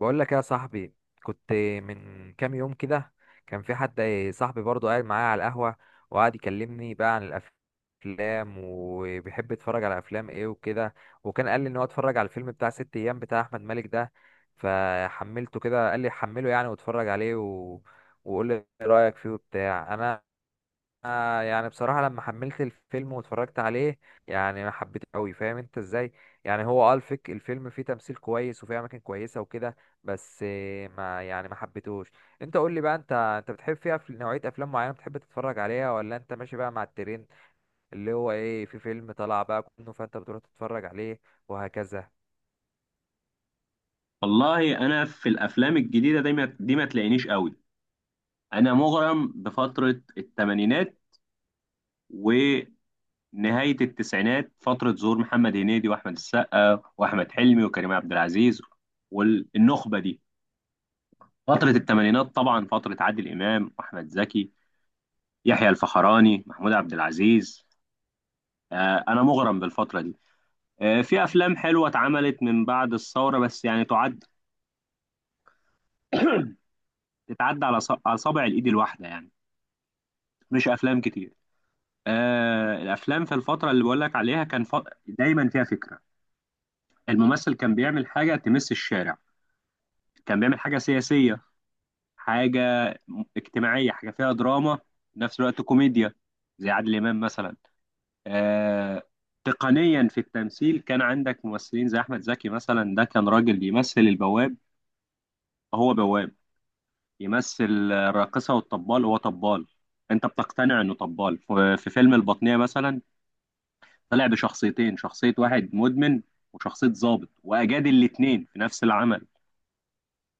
بقول لك يا صاحبي، كنت من كام يوم كده كان في حد، صاحبي برضه قاعد معايا على القهوة وقعد يكلمني بقى عن الأفلام، وبيحب يتفرج على أفلام إيه وكده. وكان قال لي إن هو اتفرج على الفيلم بتاع ست أيام بتاع أحمد مالك ده، فحملته كده، قال لي حمله يعني واتفرج عليه وقول لي إيه رأيك فيه وبتاع. أنا آه يعني بصراحة لما حملت الفيلم واتفرجت عليه يعني ما حبيته قوي، فاهم انت ازاي؟ يعني هو اه الفك الفيلم فيه تمثيل كويس وفيه اماكن كويسة وكده، بس آه، ما يعني ما حبيتهوش. انت قول لي بقى، انت بتحب فيها في نوعية افلام معينة بتحب تتفرج عليها، ولا انت ماشي بقى مع الترند اللي هو ايه، في فيلم طلع بقى كله فانت بتروح تتفرج عليه وهكذا؟ والله انا في الافلام الجديده دي ما تلاقينيش قوي. انا مغرم بفتره الثمانينات ونهايه التسعينات، فتره ظهور محمد هنيدي واحمد السقا واحمد حلمي وكريم عبد العزيز والنخبه دي. فتره الثمانينات طبعا فتره عادل امام واحمد زكي، يحيى الفخراني، محمود عبد العزيز. انا مغرم بالفتره دي. في افلام حلوه اتعملت من بعد الثوره بس يعني تتعدى على على صابع الايد الواحده يعني، مش افلام كتير. آه، الافلام في الفتره اللي بقول لك عليها دايما فيها فكره. الممثل كان بيعمل حاجه تمس الشارع، كان بيعمل حاجه سياسيه، حاجه اجتماعيه، حاجه فيها دراما في نفس الوقت كوميديا، زي عادل امام مثلا. آه، تقنيا في التمثيل كان عندك ممثلين زي احمد زكي مثلا، ده كان راجل بيمثل البواب هو بواب، يمثل الراقصه والطبال هو طبال. انت بتقتنع انه طبال في في فيلم البطنيه مثلا. طلع بشخصيتين، شخصية واحد مدمن وشخصية ضابط، وأجاد الاتنين في نفس العمل.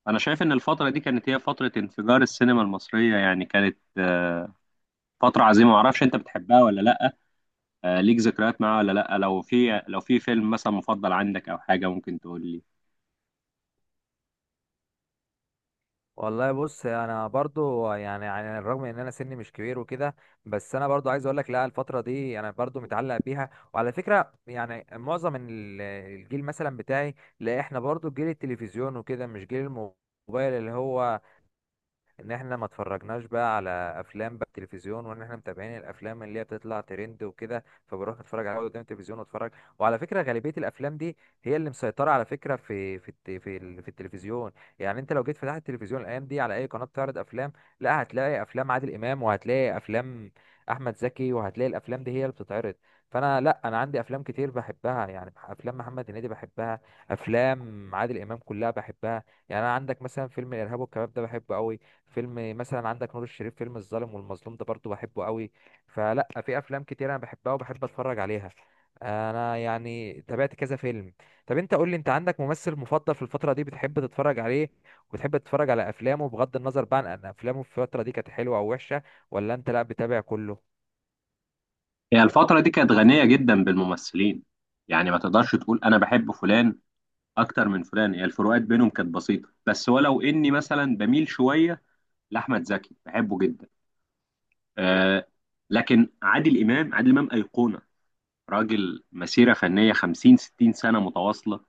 أنا شايف إن الفترة دي كانت هي فترة انفجار السينما المصرية، يعني كانت فترة عظيمة. معرفش أنت بتحبها ولا لأ، آه، ليك ذكريات معاها ولا لأ؟ لو في فيلم مثلا مفضل عندك أو حاجة ممكن تقول لي. والله بص، انا برضو يعني رغم ان انا سني مش كبير وكده، بس انا برضو عايز اقول لك، لا الفتره دي انا برضو متعلق بيها. وعلى فكره يعني معظم الجيل مثلا بتاعي، لا احنا برضو جيل التلفزيون وكده، مش جيل الموبايل، اللي هو ان احنا ما اتفرجناش بقى على افلام بقى التلفزيون، وان احنا متابعين الافلام اللي هي بتطلع ترند وكده، فبروح اتفرج عليها قدام التلفزيون واتفرج. وعلى فكره غالبيه الافلام دي هي اللي مسيطره على فكره في التلفزيون. يعني انت لو جيت فتحت التلفزيون الايام دي على اي قناه بتعرض افلام، لا هتلاقي افلام عادل امام، وهتلاقي افلام احمد زكي، وهتلاقي الافلام دي هي اللي بتتعرض. فانا لا، انا عندي افلام كتير بحبها، يعني افلام محمد هنيدي بحبها، افلام عادل امام كلها بحبها. يعني انا عندك مثلا فيلم الارهاب والكباب ده بحبه قوي، فيلم مثلا عندك نور الشريف فيلم الظالم والمظلوم ده برضو بحبه قوي. فلا، في افلام كتير انا بحبها وبحب اتفرج عليها، انا يعني تابعت كذا فيلم. طب انت قول لي، انت عندك ممثل مفضل في الفترة دي بتحب تتفرج عليه وبتحب تتفرج على افلامه بغض النظر بقى عن ان افلامه في الفترة دي كانت حلوة او وحشة، ولا انت لا بتابع كله؟ هي الفترة دي كانت غنية جدا بالممثلين، يعني ما تقدرش تقول أنا بحب فلان أكتر من فلان، هي الفروقات بينهم كانت بسيطة، بس ولو إني مثلا بميل شوية لأحمد زكي، بحبه جدا. آه، لكن عادل امام ايقونه، راجل مسيره فنيه 50 60 سنه متواصله،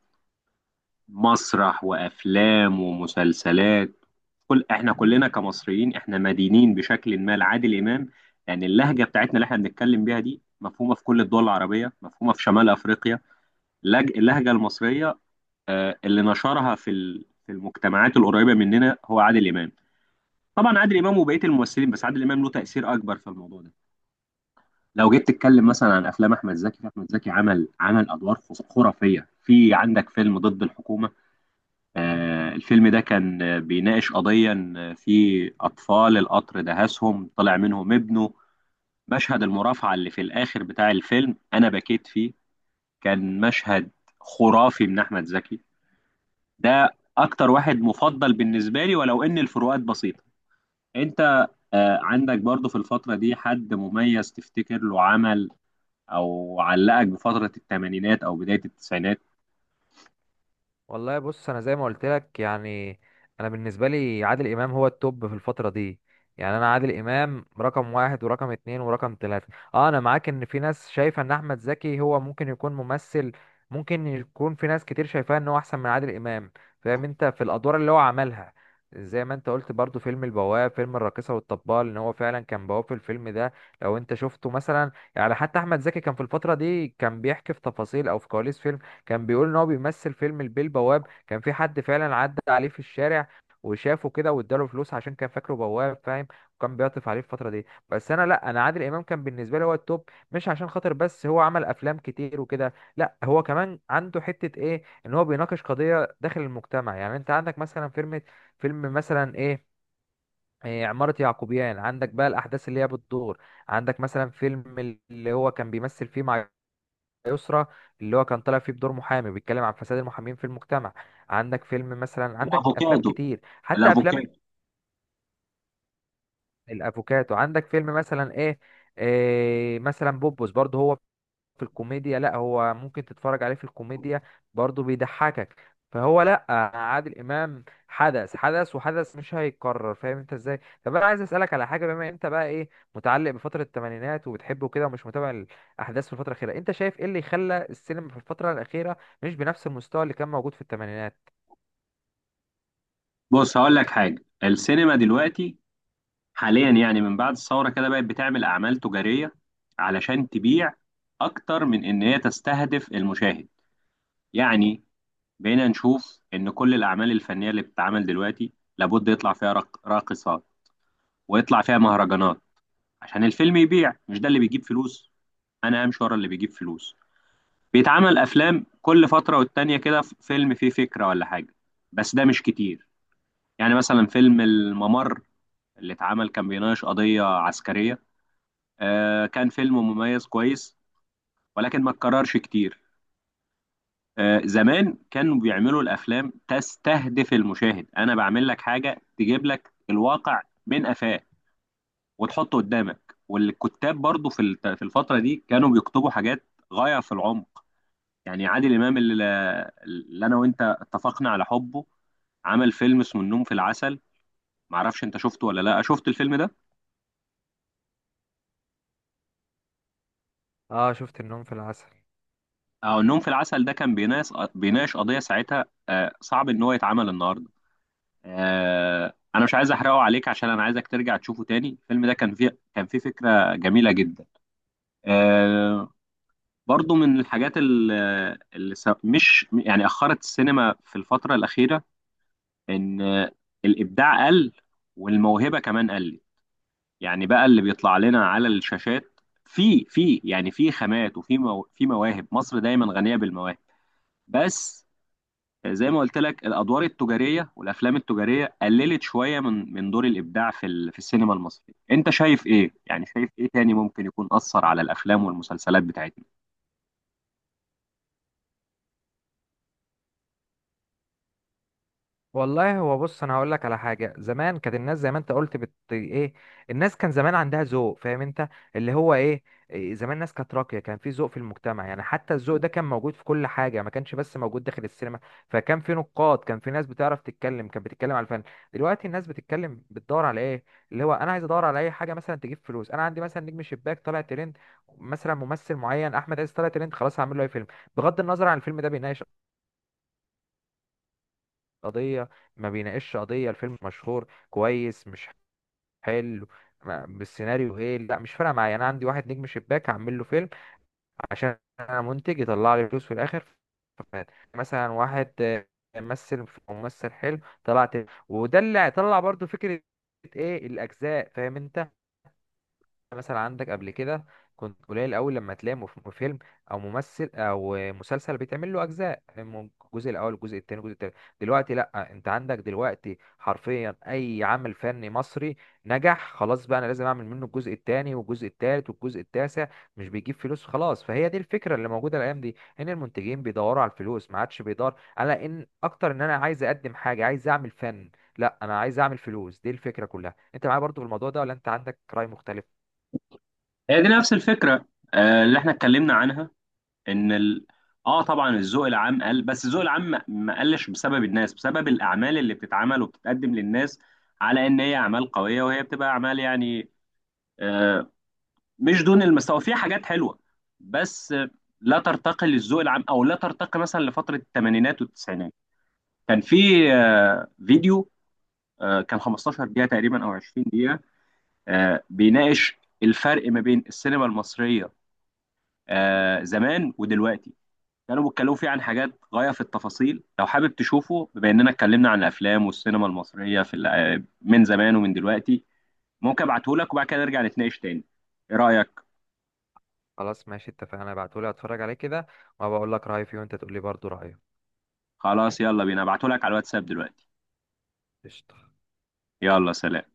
مسرح وافلام ومسلسلات. كل احنا كلنا كمصريين احنا مدينين بشكل ما لعادل امام، لان اللهجه بتاعتنا اللي احنا بنتكلم بيها دي مفهومه في كل الدول العربيه، مفهومه في شمال افريقيا. اللهجه المصريه، آه، اللي نشرها في في المجتمعات القريبه مننا هو عادل امام. طبعا عادل امام وبقيه الممثلين، بس عادل امام له تاثير اكبر في الموضوع ده. لو جيت تتكلم مثلا عن افلام احمد زكي، فاحمد زكي عمل ادوار خرافيه. في عندك فيلم ضد الحكومه، آه، الفيلم ده كان بيناقش قضيه إن في اطفال القطر دهسهم طلع منهم ابنه. مشهد المرافعه اللي في الاخر بتاع الفيلم انا بكيت فيه، كان مشهد خرافي من احمد زكي. ده اكتر واحد مفضل بالنسبه لي، ولو ان الفروقات بسيطه. انت آه، عندك برضو في الفتره دي حد مميز تفتكر له عمل او علقك بفتره الثمانينات او بدايه التسعينات؟ والله بص، انا زي ما قلت لك يعني، انا بالنسبه لي عادل امام هو التوب في الفتره دي. يعني انا عادل امام رقم واحد ورقم اتنين ورقم تلاته. اه انا معاك ان في ناس شايفه ان احمد زكي هو ممكن يكون ممثل، ممكن يكون في ناس كتير شايفاه ان هو احسن من عادل امام، فاهم انت، في الادوار اللي هو عملها. زي ما انت قلت برضو فيلم البواب، فيلم الراقصه والطبال، ان هو فعلا كان بواب في الفيلم ده. لو انت شفته مثلا، يعني حتى احمد زكي كان في الفتره دي كان بيحكي في تفاصيل او في كواليس فيلم، كان بيقول ان هو بيمثل فيلم البيه البواب، كان في حد فعلا عدى عليه في الشارع وشافه كده واداله فلوس عشان كان فاكره بواب، فاهم؟ وكان بيعطف عليه في الفترة دي. بس انا لا، انا عادل امام كان بالنسبة لي هو التوب، مش عشان خاطر بس هو عمل افلام كتير وكده، لا هو كمان عنده حتة ايه، ان هو بيناقش قضية داخل المجتمع. يعني انت عندك مثلا فيلم مثلا ايه، إيه، عمارة يعقوبيان، عندك بقى الأحداث اللي هي بتدور. عندك مثلا فيلم اللي هو كان بيمثل فيه مع يسرى، اللي هو كان طالع فيه بدور محامي بيتكلم عن فساد المحامين في المجتمع. عندك فيلم مثلا، عندك افلام الافوكادو، كتير، حتى افلام الافوكادو. الافوكاتو، عندك فيلم مثلا ايه، إيه مثلا بوبوس برضه هو في الكوميديا، لا هو ممكن تتفرج عليه في الكوميديا برضه بيضحكك. فهو لا، عادل امام حدث حدث وحدث، مش هيتكرر، فاهم انت ازاي؟ طب انا عايز اسالك على حاجه، بما انت بقى ايه، متعلق بفتره الثمانينات وبتحبه كده ومش متابع الاحداث في الفتره الاخيره، انت شايف ايه اللي خلى السينما في الفتره الاخيره مش بنفس المستوى اللي كان موجود في الثمانينات؟ بص هقول لك حاجه، السينما دلوقتي حاليا يعني من بعد الثوره كده بقت بتعمل اعمال تجاريه علشان تبيع، اكتر من ان هي تستهدف المشاهد. يعني بقينا نشوف ان كل الاعمال الفنيه اللي بتتعمل دلوقتي لابد يطلع فيها راقصات ويطلع فيها مهرجانات عشان الفيلم يبيع، مش ده اللي بيجيب فلوس، انا همشي ورا اللي بيجيب فلوس. بيتعمل افلام كل فتره والتانيه كده فيلم فيه فكره ولا حاجه، بس ده مش كتير. يعني مثلا فيلم الممر اللي اتعمل كان بيناقش قضيه عسكريه، آه كان فيلم مميز كويس، ولكن ما اتكررش كتير. آه، زمان كانوا بيعملوا الافلام تستهدف المشاهد. انا بعمل لك حاجه تجيب لك الواقع من قفاه وتحطه قدامك. والكتاب برضو في في الفتره دي كانوا بيكتبوا حاجات غايه في العمق. يعني عادل امام اللي انا وانت اتفقنا على حبه، عمل فيلم اسمه النوم في العسل، معرفش انت شفته ولا لا. شفت الفيلم ده؟ اه شفت النوم في العسل. اه، النوم في العسل ده كان بيناقش قضيه ساعتها آه، صعب ان هو يتعمل النهارده. آه، انا مش عايز احرقه عليك عشان انا عايزك ترجع تشوفه تاني. الفيلم ده كان فيه فكره جميله جدا. آه، برضو من الحاجات اللي مش يعني اخرت السينما في الفتره الاخيره ان آه، الابداع قل والموهبه كمان قلت، يعني بقى اللي بيطلع لنا على الشاشات. في يعني في خامات وفي مو في مواهب، مصر دايما غنية بالمواهب، بس زي ما قلت لك الأدوار التجارية والأفلام التجارية قللت شوية من دور الإبداع في في السينما المصرية. أنت شايف إيه؟ يعني شايف إيه تاني ممكن يكون أثر على الأفلام والمسلسلات بتاعتنا؟ والله هو بص انا هقول لك على حاجه، زمان كانت الناس زي ما انت قلت بت ايه، الناس كان زمان عندها ذوق، فاهم انت اللي هو ايه، إيه، زمان الناس كانت راقيه، كان في ذوق في المجتمع، يعني حتى الذوق ده كان موجود في كل حاجه، ما كانش بس موجود داخل السينما. فكان في نقاد، كان في ناس بتعرف تتكلم، كانت بتتكلم على الفن. دلوقتي الناس بتتكلم بتدور على ايه، اللي هو انا عايز ادور على اي حاجه مثلا تجيب فلوس. انا عندي مثلا نجم شباك طالع ترند، مثلا ممثل معين احمد عز طالع ترند، خلاص هعمل له اي فيلم بغض النظر عن الفيلم ده بيناقش قضية ما بيناقشش قضية، الفيلم مشهور كويس، مش حلو بالسيناريو ايه، لا مش فارقة معايا، انا عندي واحد نجم شباك هعمل له فيلم عشان انا منتج يطلع لي فلوس في الاخر. فمات. مثلا واحد آه، ممثل حلو طلعت. وده اللي هيطلع برضو فكرة ايه الاجزاء، فاهم انت؟ مثلا عندك قبل كده كنت قليل قوي لما تلاقي فيلم او ممثل او مسلسل بيتعمل له اجزاء، الجزء الاول الجزء الثاني الجزء الثالث. دلوقتي لا، انت عندك دلوقتي حرفيا اي عمل فني مصري نجح، خلاص بقى انا لازم اعمل منه الجزء الثاني والجزء الثالث والجزء التاسع. مش بيجيب فلوس خلاص. فهي دي الفكره اللي موجوده الايام دي، ان المنتجين بيدوروا على الفلوس، ما عادش بيدور على ان اكتر، ان انا عايز اقدم حاجه، عايز اعمل فن، لا انا عايز اعمل فلوس، دي الفكره كلها. انت معايا برضو في الموضوع ده ولا انت عندك راي مختلف؟ هي دي نفس الفكرة آه، اللي احنا اتكلمنا عنها، ان ال... اه طبعا الذوق العام قل، بس الذوق العام ما قلش بسبب الناس، بسبب الاعمال اللي بتتعمل وبتتقدم للناس على ان هي اعمال قويه، وهي بتبقى اعمال يعني آه مش دون المستوى، فيها حاجات حلوه، بس آه، لا ترتقي للذوق العام او لا ترتقي مثلا لفتره الثمانينات والتسعينات. كان في آه فيديو، آه كان 15 دقيقه تقريبا او 20 دقيقه، آه بيناقش الفرق ما بين السينما المصريه آه زمان ودلوقتي، كانوا بيتكلموا فيه عن حاجات غاية في التفاصيل. لو حابب تشوفه بما اننا اتكلمنا عن الافلام والسينما المصرية في من زمان ومن دلوقتي، ممكن ابعته لك وبعد كده نرجع نتناقش تاني. ايه رأيك؟ خلاص ماشي، اتفقنا، ابعتهولي اتفرج عليه كده وبقول لك رأيي فيه، وانت تقول لي برضه رأيك. خلاص، يلا بينا ابعته لك على الواتساب دلوقتي. قشطة. يلا سلام.